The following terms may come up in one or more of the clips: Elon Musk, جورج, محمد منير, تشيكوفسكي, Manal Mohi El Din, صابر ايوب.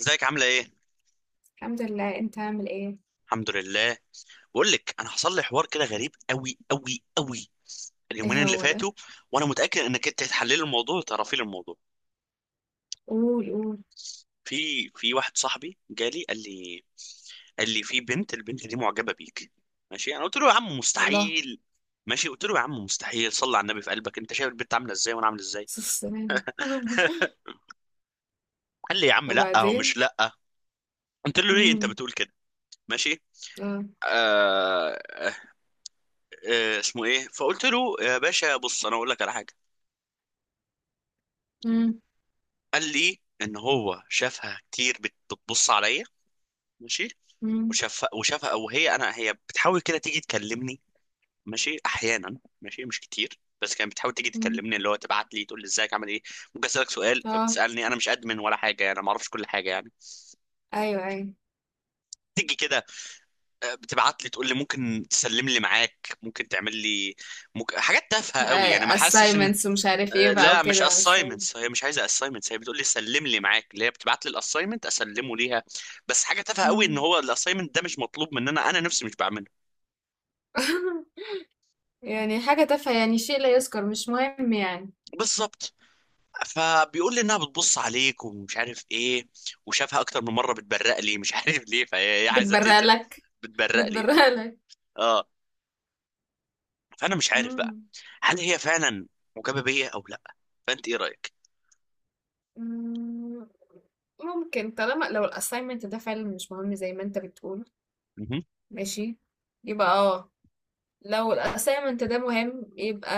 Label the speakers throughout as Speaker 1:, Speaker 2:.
Speaker 1: ازيك عامله ايه؟
Speaker 2: الحمد لله، انت عامل ايه؟
Speaker 1: الحمد لله. بقول لك انا حصل لي حوار كده غريب قوي قوي قوي اليومين
Speaker 2: ايه
Speaker 1: اللي
Speaker 2: هو ده؟
Speaker 1: فاتوا. وانا متاكد انك انت هتحللي الموضوع وتعرفي لي الموضوع.
Speaker 2: قول، قول.
Speaker 1: في واحد صاحبي جالي قال لي في بنت، البنت دي معجبه بيك. ماشي، انا قلت له يا عم
Speaker 2: والله.
Speaker 1: مستحيل. ماشي، قلت له يا عم مستحيل، صلي على النبي في قلبك، انت شايف البنت عامله ازاي وانا عامل ازاي؟
Speaker 2: بس السلامة.
Speaker 1: قال لي يا عم لا، هو
Speaker 2: وبعدين؟
Speaker 1: مش لا. قلت له ليه انت
Speaker 2: امم
Speaker 1: بتقول كده؟ ماشي.
Speaker 2: اه.
Speaker 1: آه آه اسمه ايه، فقلت له يا باشا، بص انا اقول لك على حاجه.
Speaker 2: امم
Speaker 1: قال لي ان هو شافها كتير بتبص عليا. ماشي.
Speaker 2: امم
Speaker 1: وشافها او هي انا هي بتحاول كده تيجي تكلمني. ماشي، احيانا، ماشي، مش كتير، بس كانت بتحاول تيجي
Speaker 2: امم
Speaker 1: تكلمني، اللي هو تبعت لي تقول لي ازيك عامل ايه؟ ممكن اسالك سؤال،
Speaker 2: اه.
Speaker 1: فبتسالني انا مش ادمن ولا حاجه، يعني انا ما اعرفش كل حاجه يعني.
Speaker 2: ايوه، ايوه.
Speaker 1: تيجي كده. بتبعت لي تقول لي ممكن تسلم لي معاك، ممكن تعمل لي، ممكن حاجات تافهه قوي، يعني ما حاسش ان...
Speaker 2: assignments ومش عارف ايه بقى
Speaker 1: لا، مش
Speaker 2: وكده شوية.
Speaker 1: assignments، هي مش عايزه assignments، هي بتقول لي سلم لي معاك، اللي هي بتبعت لي الاساينمنت اسلمه ليها. بس حاجه تافهه قوي، ان
Speaker 2: مم.
Speaker 1: هو الاساينمنت ده مش مطلوب مننا، انا نفسي مش بعمله.
Speaker 2: يعني حاجة تافهة، يعني شيء لا يذكر، مش مهم يعني.
Speaker 1: بالظبط. فبيقول لي انها بتبص عليك ومش عارف ايه، وشافها اكتر من مره بتبرق لي، مش عارف ليه، فهي هي عايزه
Speaker 2: بتبرق
Speaker 1: تقتل.
Speaker 2: لك؟
Speaker 1: بتبرق لي اه.
Speaker 2: بتبرق لك.
Speaker 1: اه. فانا مش عارف بقى،
Speaker 2: مم.
Speaker 1: هل هي فعلا معجبه بيا او لا؟ فانت ايه رايك؟
Speaker 2: مم. ممكن، طالما لو الاساينمنت ده فعلا مش مهم زي ما انت بتقول.
Speaker 1: مهم.
Speaker 2: ماشي، يبقى اه. لو الأسايمنت ده مهم يبقى،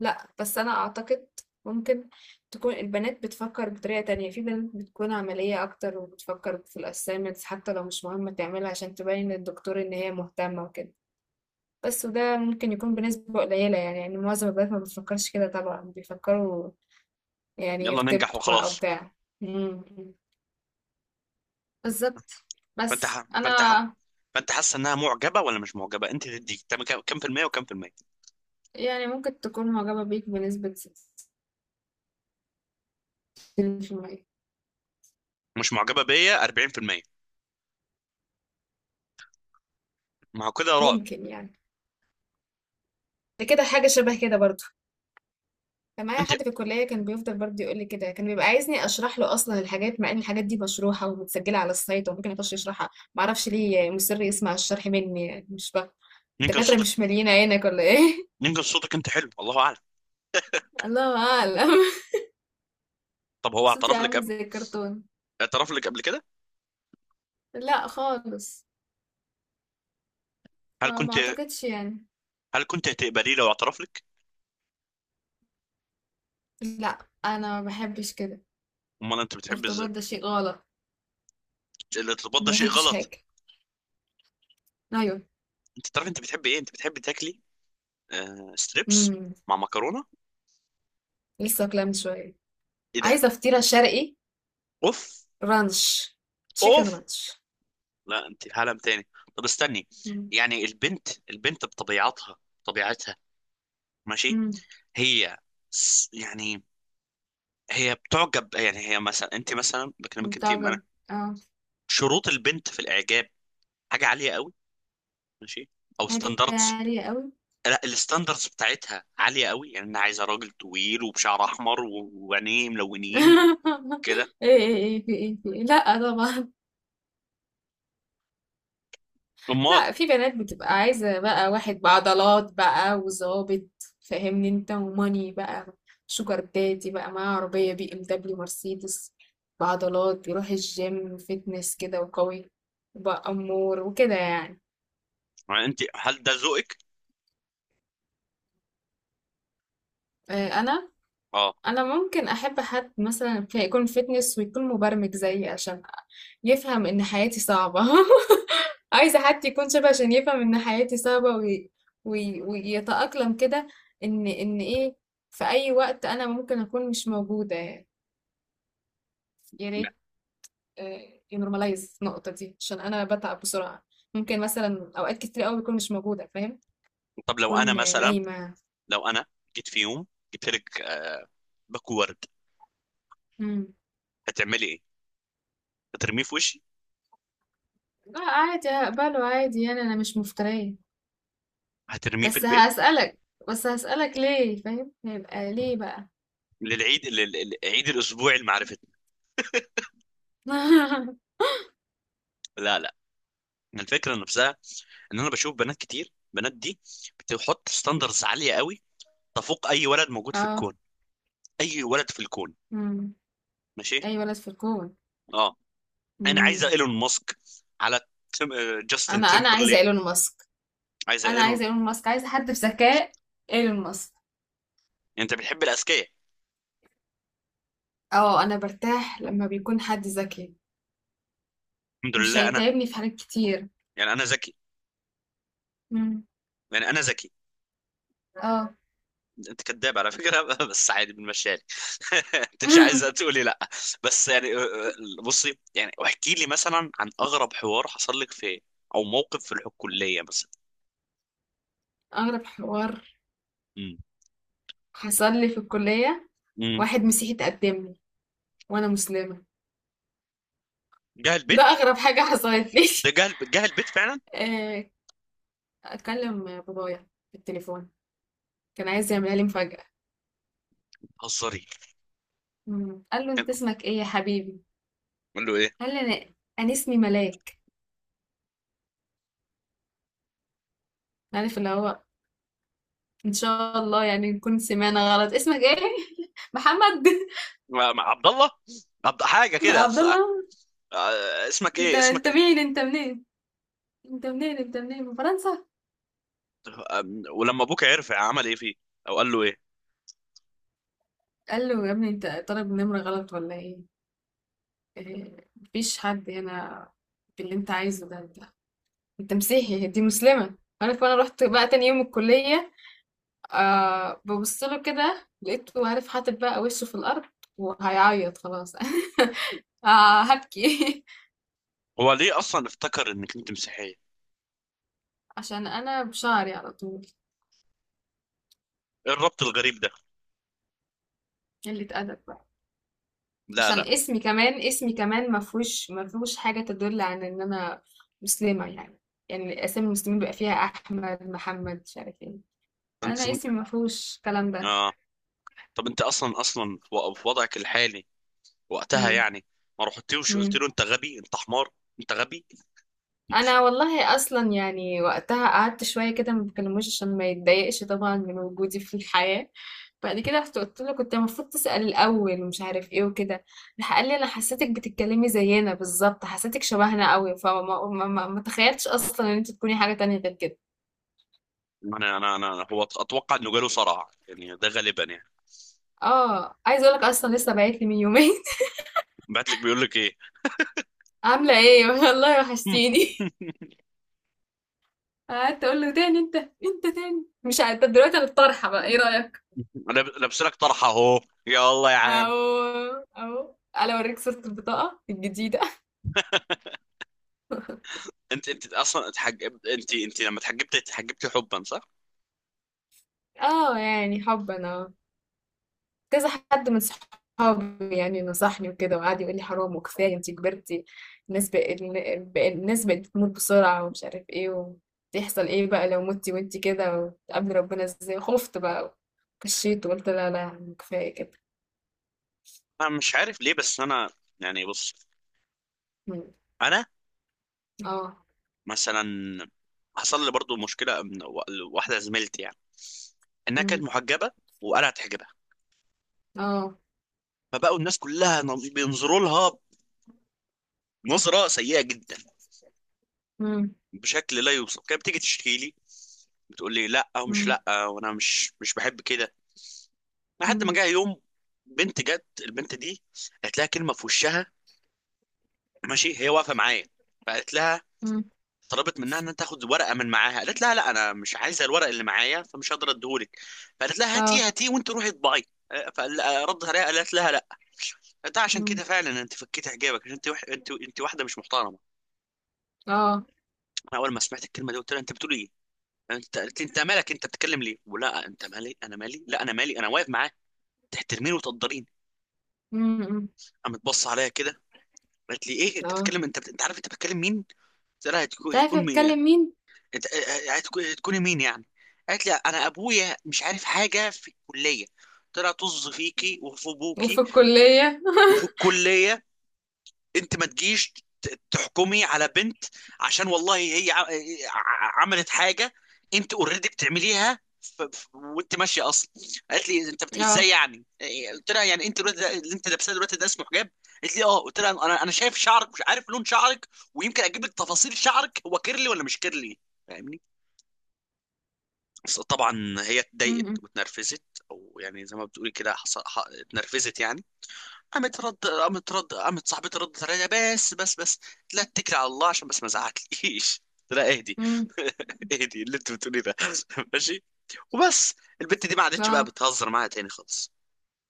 Speaker 2: لأ بس أنا أعتقد ممكن تكون البنات بتفكر بطريقة تانية، في بنات بتكون عملية أكتر وبتفكر في الأسايمنتس حتى لو مش مهمة تعملها عشان تبين للدكتور إن هي مهتمة وكده. بس وده ممكن يكون بنسبة قليلة يعني معظم البنات ما بتفكرش كده، طبعا بيفكروا يعني
Speaker 1: يلا ننجح
Speaker 2: يرتبطوا بقى أو
Speaker 1: وخلاص.
Speaker 2: بتاع. مم. بالظبط.
Speaker 1: فانت
Speaker 2: بس
Speaker 1: ح... فانت ح...
Speaker 2: أنا،
Speaker 1: فانت حاسه انها معجبه ولا مش معجبه؟ انت تدي كم في المية وكم في المية؟
Speaker 2: يعني ممكن تكون معجبة بيك بنسبة 60%.
Speaker 1: مش معجبه بيا 40%. ما هو كده رعب.
Speaker 2: ممكن يعني، ده كده حاجة شبه كده برضو. كان معايا
Speaker 1: انت،
Speaker 2: حد في الكلية كان بيفضل برضو يقول لي كده، كان بيبقى عايزني اشرح له اصلا الحاجات مع ان الحاجات دي مشروحة ومتسجلة على السايت وممكن يخش يشرحها، معرفش ليه مصر يسمع الشرح مني، يعني مش فاهم.
Speaker 1: يمكن
Speaker 2: الدكاترة
Speaker 1: صوتك
Speaker 2: مش مالين عينك ولا ايه؟
Speaker 1: يمكن صوتك انت حلو، الله اعلم.
Speaker 2: الله اعلم.
Speaker 1: طب هو
Speaker 2: صوتي عامل زي الكرتون.
Speaker 1: اعترف لك قبل كده؟
Speaker 2: لا خالص،
Speaker 1: هل
Speaker 2: فما
Speaker 1: كنت
Speaker 2: اعتقدش يعني.
Speaker 1: هل كنت هتقبليه لو اعترف لك؟
Speaker 2: لا انا ما بحبش كده،
Speaker 1: امال انت بتحب ازاي؟
Speaker 2: الارتباط ده شيء غلط،
Speaker 1: الارتباط ده
Speaker 2: ما
Speaker 1: شيء
Speaker 2: بحبش
Speaker 1: غلط.
Speaker 2: حاجة. ايوه.
Speaker 1: انت تعرف انت بتحب ايه؟ انت بتحب تاكلي ستريبس
Speaker 2: امم.
Speaker 1: مع مكرونه.
Speaker 2: لسه كلام شوية.
Speaker 1: ايه ده؟
Speaker 2: عايزة فطيرة شرقي
Speaker 1: اوف.
Speaker 2: رانش، تشيكن
Speaker 1: اوف.
Speaker 2: رانش.
Speaker 1: لا، انت في عالم تاني. طب استني.
Speaker 2: مم.
Speaker 1: يعني البنت بطبيعتها طبيعتها. ماشي.
Speaker 2: مم.
Speaker 1: هي س- يعني هي بتعجب، يعني هي مثلا، انت مثلا بكلمك انت
Speaker 2: متعجب.
Speaker 1: انا.
Speaker 2: اه.
Speaker 1: شروط البنت في الاعجاب حاجه عاليه قوي. ماشي، او
Speaker 2: حاجة
Speaker 1: ستاندردز.
Speaker 2: عالية قوي.
Speaker 1: لا، الستاندردز بتاعتها عاليه قوي، يعني انا عايزه راجل طويل وبشعر احمر و- وعينيه ملونين
Speaker 2: ايه
Speaker 1: وكده.
Speaker 2: ايه ايه في ايه في إيه؟ لا طبعا.
Speaker 1: امال.
Speaker 2: لا، في بنات بتبقى عايزة بقى واحد بعضلات بقى وظابط، فاهمني انت وماني بقى. شوجر دادي بقى معاه عربية بي ام دبليو مرسيدس، بعضلات، بيروح الجيم، فتنس كده وقوي، بقى امور وكده يعني.
Speaker 1: يعني انت، هل ده ذوقك؟
Speaker 2: آه، انا
Speaker 1: اه.
Speaker 2: انا ممكن احب حد مثلا يكون فيتنس ويكون مبرمج زيي عشان يفهم ان حياتي صعبة. عايزة حد يكون شبه عشان يفهم ان حياتي صعبة ويتأقلم كده. ان ايه، في اي وقت انا ممكن اكون مش موجودة، يا
Speaker 1: لا.
Speaker 2: ريت ينورماليز النقطة دي عشان انا بتعب بسرعة، ممكن مثلا اوقات كتير قوي بكون مش موجودة فاهم،
Speaker 1: طب لو انا
Speaker 2: اكون
Speaker 1: مثلا،
Speaker 2: نايمة.
Speaker 1: لو انا جيت في يوم جبت لك باكو ورد،
Speaker 2: مم.
Speaker 1: هتعملي ايه؟ هترميه في وشي؟
Speaker 2: لا عادي هقبله عادي يعني انا مش مفترية.
Speaker 1: هترميه في
Speaker 2: بس
Speaker 1: البيت؟
Speaker 2: هسألك، بس هسألك ليه فاهم، هيبقى ليه بقى.
Speaker 1: للعيد، عيد الاسبوع المعرفة. لا، لا. الفكره نفسها، ان انا بشوف بنات كتير، بنات دي بتحط ستاندرز عاليه قوي تفوق اي ولد موجود في
Speaker 2: اه.
Speaker 1: الكون. اي ولد في الكون.
Speaker 2: امم.
Speaker 1: ماشي.
Speaker 2: اي ولد في الكون.
Speaker 1: اه. انا عايزه
Speaker 2: امم.
Speaker 1: ايلون ماسك، على تيم... آه، جاستن
Speaker 2: انا عايزه
Speaker 1: تيمبرلي.
Speaker 2: ايلون ماسك.
Speaker 1: عايزه
Speaker 2: انا
Speaker 1: ايلون.
Speaker 2: عايزه ايلون ماسك، عايزه حد بذكاء، ايلون ماسك.
Speaker 1: يعني انت بتحب الاذكياء؟
Speaker 2: اه، انا برتاح لما بيكون حد ذكي،
Speaker 1: الحمد
Speaker 2: مش
Speaker 1: لله، انا.
Speaker 2: هيتعبني في حاجات كتير.
Speaker 1: يعني انا ذكي،
Speaker 2: امم.
Speaker 1: يعني انا ذكي.
Speaker 2: اه.
Speaker 1: انت كذاب على فكره بس عادي بنمشيها لك. انت مش عايزه تقولي لا. بس يعني، بصي، يعني احكي لي مثلا عن اغرب حوار حصل لك في، او موقف في الكليه مثلا.
Speaker 2: اغرب حوار
Speaker 1: امم.
Speaker 2: حصل لي في الكليه،
Speaker 1: امم.
Speaker 2: واحد مسيحي تقدم لي وانا مسلمه،
Speaker 1: جه
Speaker 2: ده
Speaker 1: البيت؟
Speaker 2: اغرب حاجه حصلت لي.
Speaker 1: ده جهل جهل بيت فعلا.
Speaker 2: آه، اتكلم بابايا في التليفون، كان عايز يعملها لي مفاجأة.
Speaker 1: هزاري؟
Speaker 2: مم. قال له انت اسمك ايه يا حبيبي؟
Speaker 1: قال له ايه؟
Speaker 2: قال لي انا اسمي ملاك. عارف اللي هو، ان شاء الله يعني نكون سمعنا غلط، اسمك ايه؟ محمد.
Speaker 1: عبد الله. عبد حاجه كده
Speaker 2: عبد الله. انت، انت
Speaker 1: اسمك إيه؟
Speaker 2: مين، انت منين، انت منين من فرنسا؟
Speaker 1: ولما ابوك عرف عمل ايه فيه، او قال له ايه؟
Speaker 2: قال له يا ابني انت طالب نمرة غلط ولا ايه؟ إيه، مفيش حد هنا باللي انت عايزه ده، انت مسيحي دي مسلمة، عارف. انا رحت بقى تاني يوم الكلية، آه ببص له كده، لقيته عارف حاطط بقى وشه في الأرض وهيعيط خلاص. آه هبكي.
Speaker 1: هو ليه اصلا افتكر انك انت مسيحيه ايه؟
Speaker 2: عشان أنا بشعري على طول،
Speaker 1: الربط الغريب ده.
Speaker 2: قلة أدب بقى.
Speaker 1: لا،
Speaker 2: عشان
Speaker 1: لا.
Speaker 2: اسمي كمان ما فيهوش حاجة تدل عن إن أنا مسلمة يعني، يعني أسامي المسلمين بيبقى فيها أحمد محمد مش عارف إيه،
Speaker 1: انت
Speaker 2: أنا اسمي
Speaker 1: اسمك.
Speaker 2: ما فيهوش الكلام ده.
Speaker 1: اه. طب انت اصلا في وضعك الحالي وقتها،
Speaker 2: مم.
Speaker 1: يعني ما رحتيوش قلت
Speaker 2: مم.
Speaker 1: له انت غبي انت حمار؟ انت غبي.
Speaker 2: انا والله اصلا يعني وقتها قعدت شويه كده ما بكلموش عشان ما يتضايقش طبعا من وجودي في الحياه. بعد كده رحت قلت له كنت المفروض تسال الاول ومش عارف ايه وكده، راح قال لي انا حسيتك بتتكلمي زينا بالظبط، حسيتك شبهنا قوي، فما ما ما ما تخيلتش اصلا ان انت تكوني حاجه تانية غير كده.
Speaker 1: هو اتوقع انه جاله صرع، يعني ده غالبا يعني.
Speaker 2: اه عايزه اقول لك اصلا لسه باعت لي من يومين.
Speaker 1: بعت لك بيقول لك ايه؟
Speaker 2: عامله ايه والله وحشتيني. قعدت اقول له تاني انت تاني مش عارفه، طب دلوقتي انا الطرحه بقى ايه رايك؟
Speaker 1: لابس لك طرحه اهو. يا الله يا عم.
Speaker 2: أهو، أهو، ألا أوريك صورة البطاقة الجديدة.
Speaker 1: انت انت اصلا اتحج... انت انت لما اتحجبت حبا، صح؟
Speaker 2: آه، يعني حبًا. آه، كذا حد من صحابي يعني نصحني وكده وقعد يقول لي حرام وكفاية أنتِ كبرتِ، الناس بقت الناس بقت بتموت بسرعة ومش عارف إيه، وتحصل إيه بقى لو متِ وأنتِ كده وتقابلي ربنا إزاي، خُفت بقى وكشيت وقُلت لا، لا، يعني كفاية كده.
Speaker 1: انا مش عارف ليه، بس انا يعني بص.
Speaker 2: إمم.
Speaker 1: انا
Speaker 2: آه.
Speaker 1: مثلا حصل لي برضو مشكله من واحده زميلتي، يعني انها كانت
Speaker 2: إمم.
Speaker 1: محجبه وانا اتحجبها.
Speaker 2: آه.
Speaker 1: فبقوا الناس كلها بينظروا لها نظره سيئه جدا،
Speaker 2: إمم.
Speaker 1: بشكل لا يوصف. كانت بتيجي تشتكي لي، بتقول لي لا او مش
Speaker 2: إمم.
Speaker 1: لا، وانا مش بحب كده. لحد ما
Speaker 2: إمم.
Speaker 1: جه يوم، بنت جت البنت دي قالت لها كلمه في وشها، ماشي هي واقفه معايا. فقالت لها،
Speaker 2: إمم.
Speaker 1: طلبت منها ان تاخد ورقه من معاها، قالت لها لا، انا مش عايزه الورق اللي معايا فمش هقدر اديهولك. فقالت لها هاتيه
Speaker 2: آه.
Speaker 1: هاتيه، وانت روحي اطبعي. فردت عليها قالت لها لا، ده عشان
Speaker 2: إمم.
Speaker 1: كده فعلا انت فكيت حجابك، عشان انت وح... انت انت واحده مش محترمه.
Speaker 2: آه.
Speaker 1: انا اول ما سمعت الكلمه دي قلت لها انت بتقول ايه؟ انت قالت لي انت مالك، انت بتتكلم ليه، ولا انت مالي؟ انا مالي؟ لا، انا مالي، انا واقف معاه، تحترميني وتقدريني.
Speaker 2: إمم. إمم.
Speaker 1: قامت بص عليا كده، قالت لي ايه انت
Speaker 2: آه.
Speaker 1: بتتكلم؟ انت انت عارف انت بتتكلم مين؟ قلت لها هيكون
Speaker 2: عارف
Speaker 1: هيكون مين؟
Speaker 2: بتكلم مين.
Speaker 1: إت- تكوني مين يعني؟ قالت لي انا ابويا مش عارف حاجه في الكليه، طلع طز فيكي وفي ابوكي
Speaker 2: وفي الكلية.
Speaker 1: وفي الكليه. انت ما تجيش تحكمي على بنت، عشان والله هي عملت حاجه، انت اوريدي بتعمليها وانت ماشيه اصلا. قالت لي انت
Speaker 2: اه.
Speaker 1: ازاي يعني إيه؟ قلت لها يعني انت الوقت ده اللي انت لابساه دلوقتي ده اسمه حجاب؟ قالت لي اه. قلت لها انا شايف شعرك، مش عارف لون شعرك، ويمكن اجيب لك تفاصيل شعرك، هو كيرلي ولا مش كيرلي؟ فاهمني؟ بس طبعا هي اتضايقت
Speaker 2: امم.
Speaker 1: واتنرفزت، او يعني زي ما بتقولي كده اتنرفزت يعني. قامت صاحبتي ردت عليها، بس بس بس، لا اتكلي على الله عشان بس ما ازعقليش لا اهدي،
Speaker 2: امم.
Speaker 1: اهدي اللي انت بتقولي ده ماشي. وبس، البت دي ما عادتش بقى
Speaker 2: اه.
Speaker 1: بتهزر معايا تاني خالص.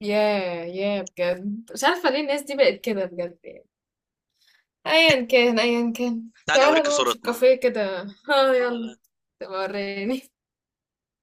Speaker 2: ياه، ياه، بجد مش عارفة ليه الناس دي بقت كده بجد يعني،
Speaker 1: طيب،
Speaker 2: ايا كان،
Speaker 1: تعالي
Speaker 2: تعالى
Speaker 1: اوريكي
Speaker 2: نقعد في
Speaker 1: صورتنا.
Speaker 2: الكافيه كده. اه يلا.
Speaker 1: اه.
Speaker 2: تبقى وريني.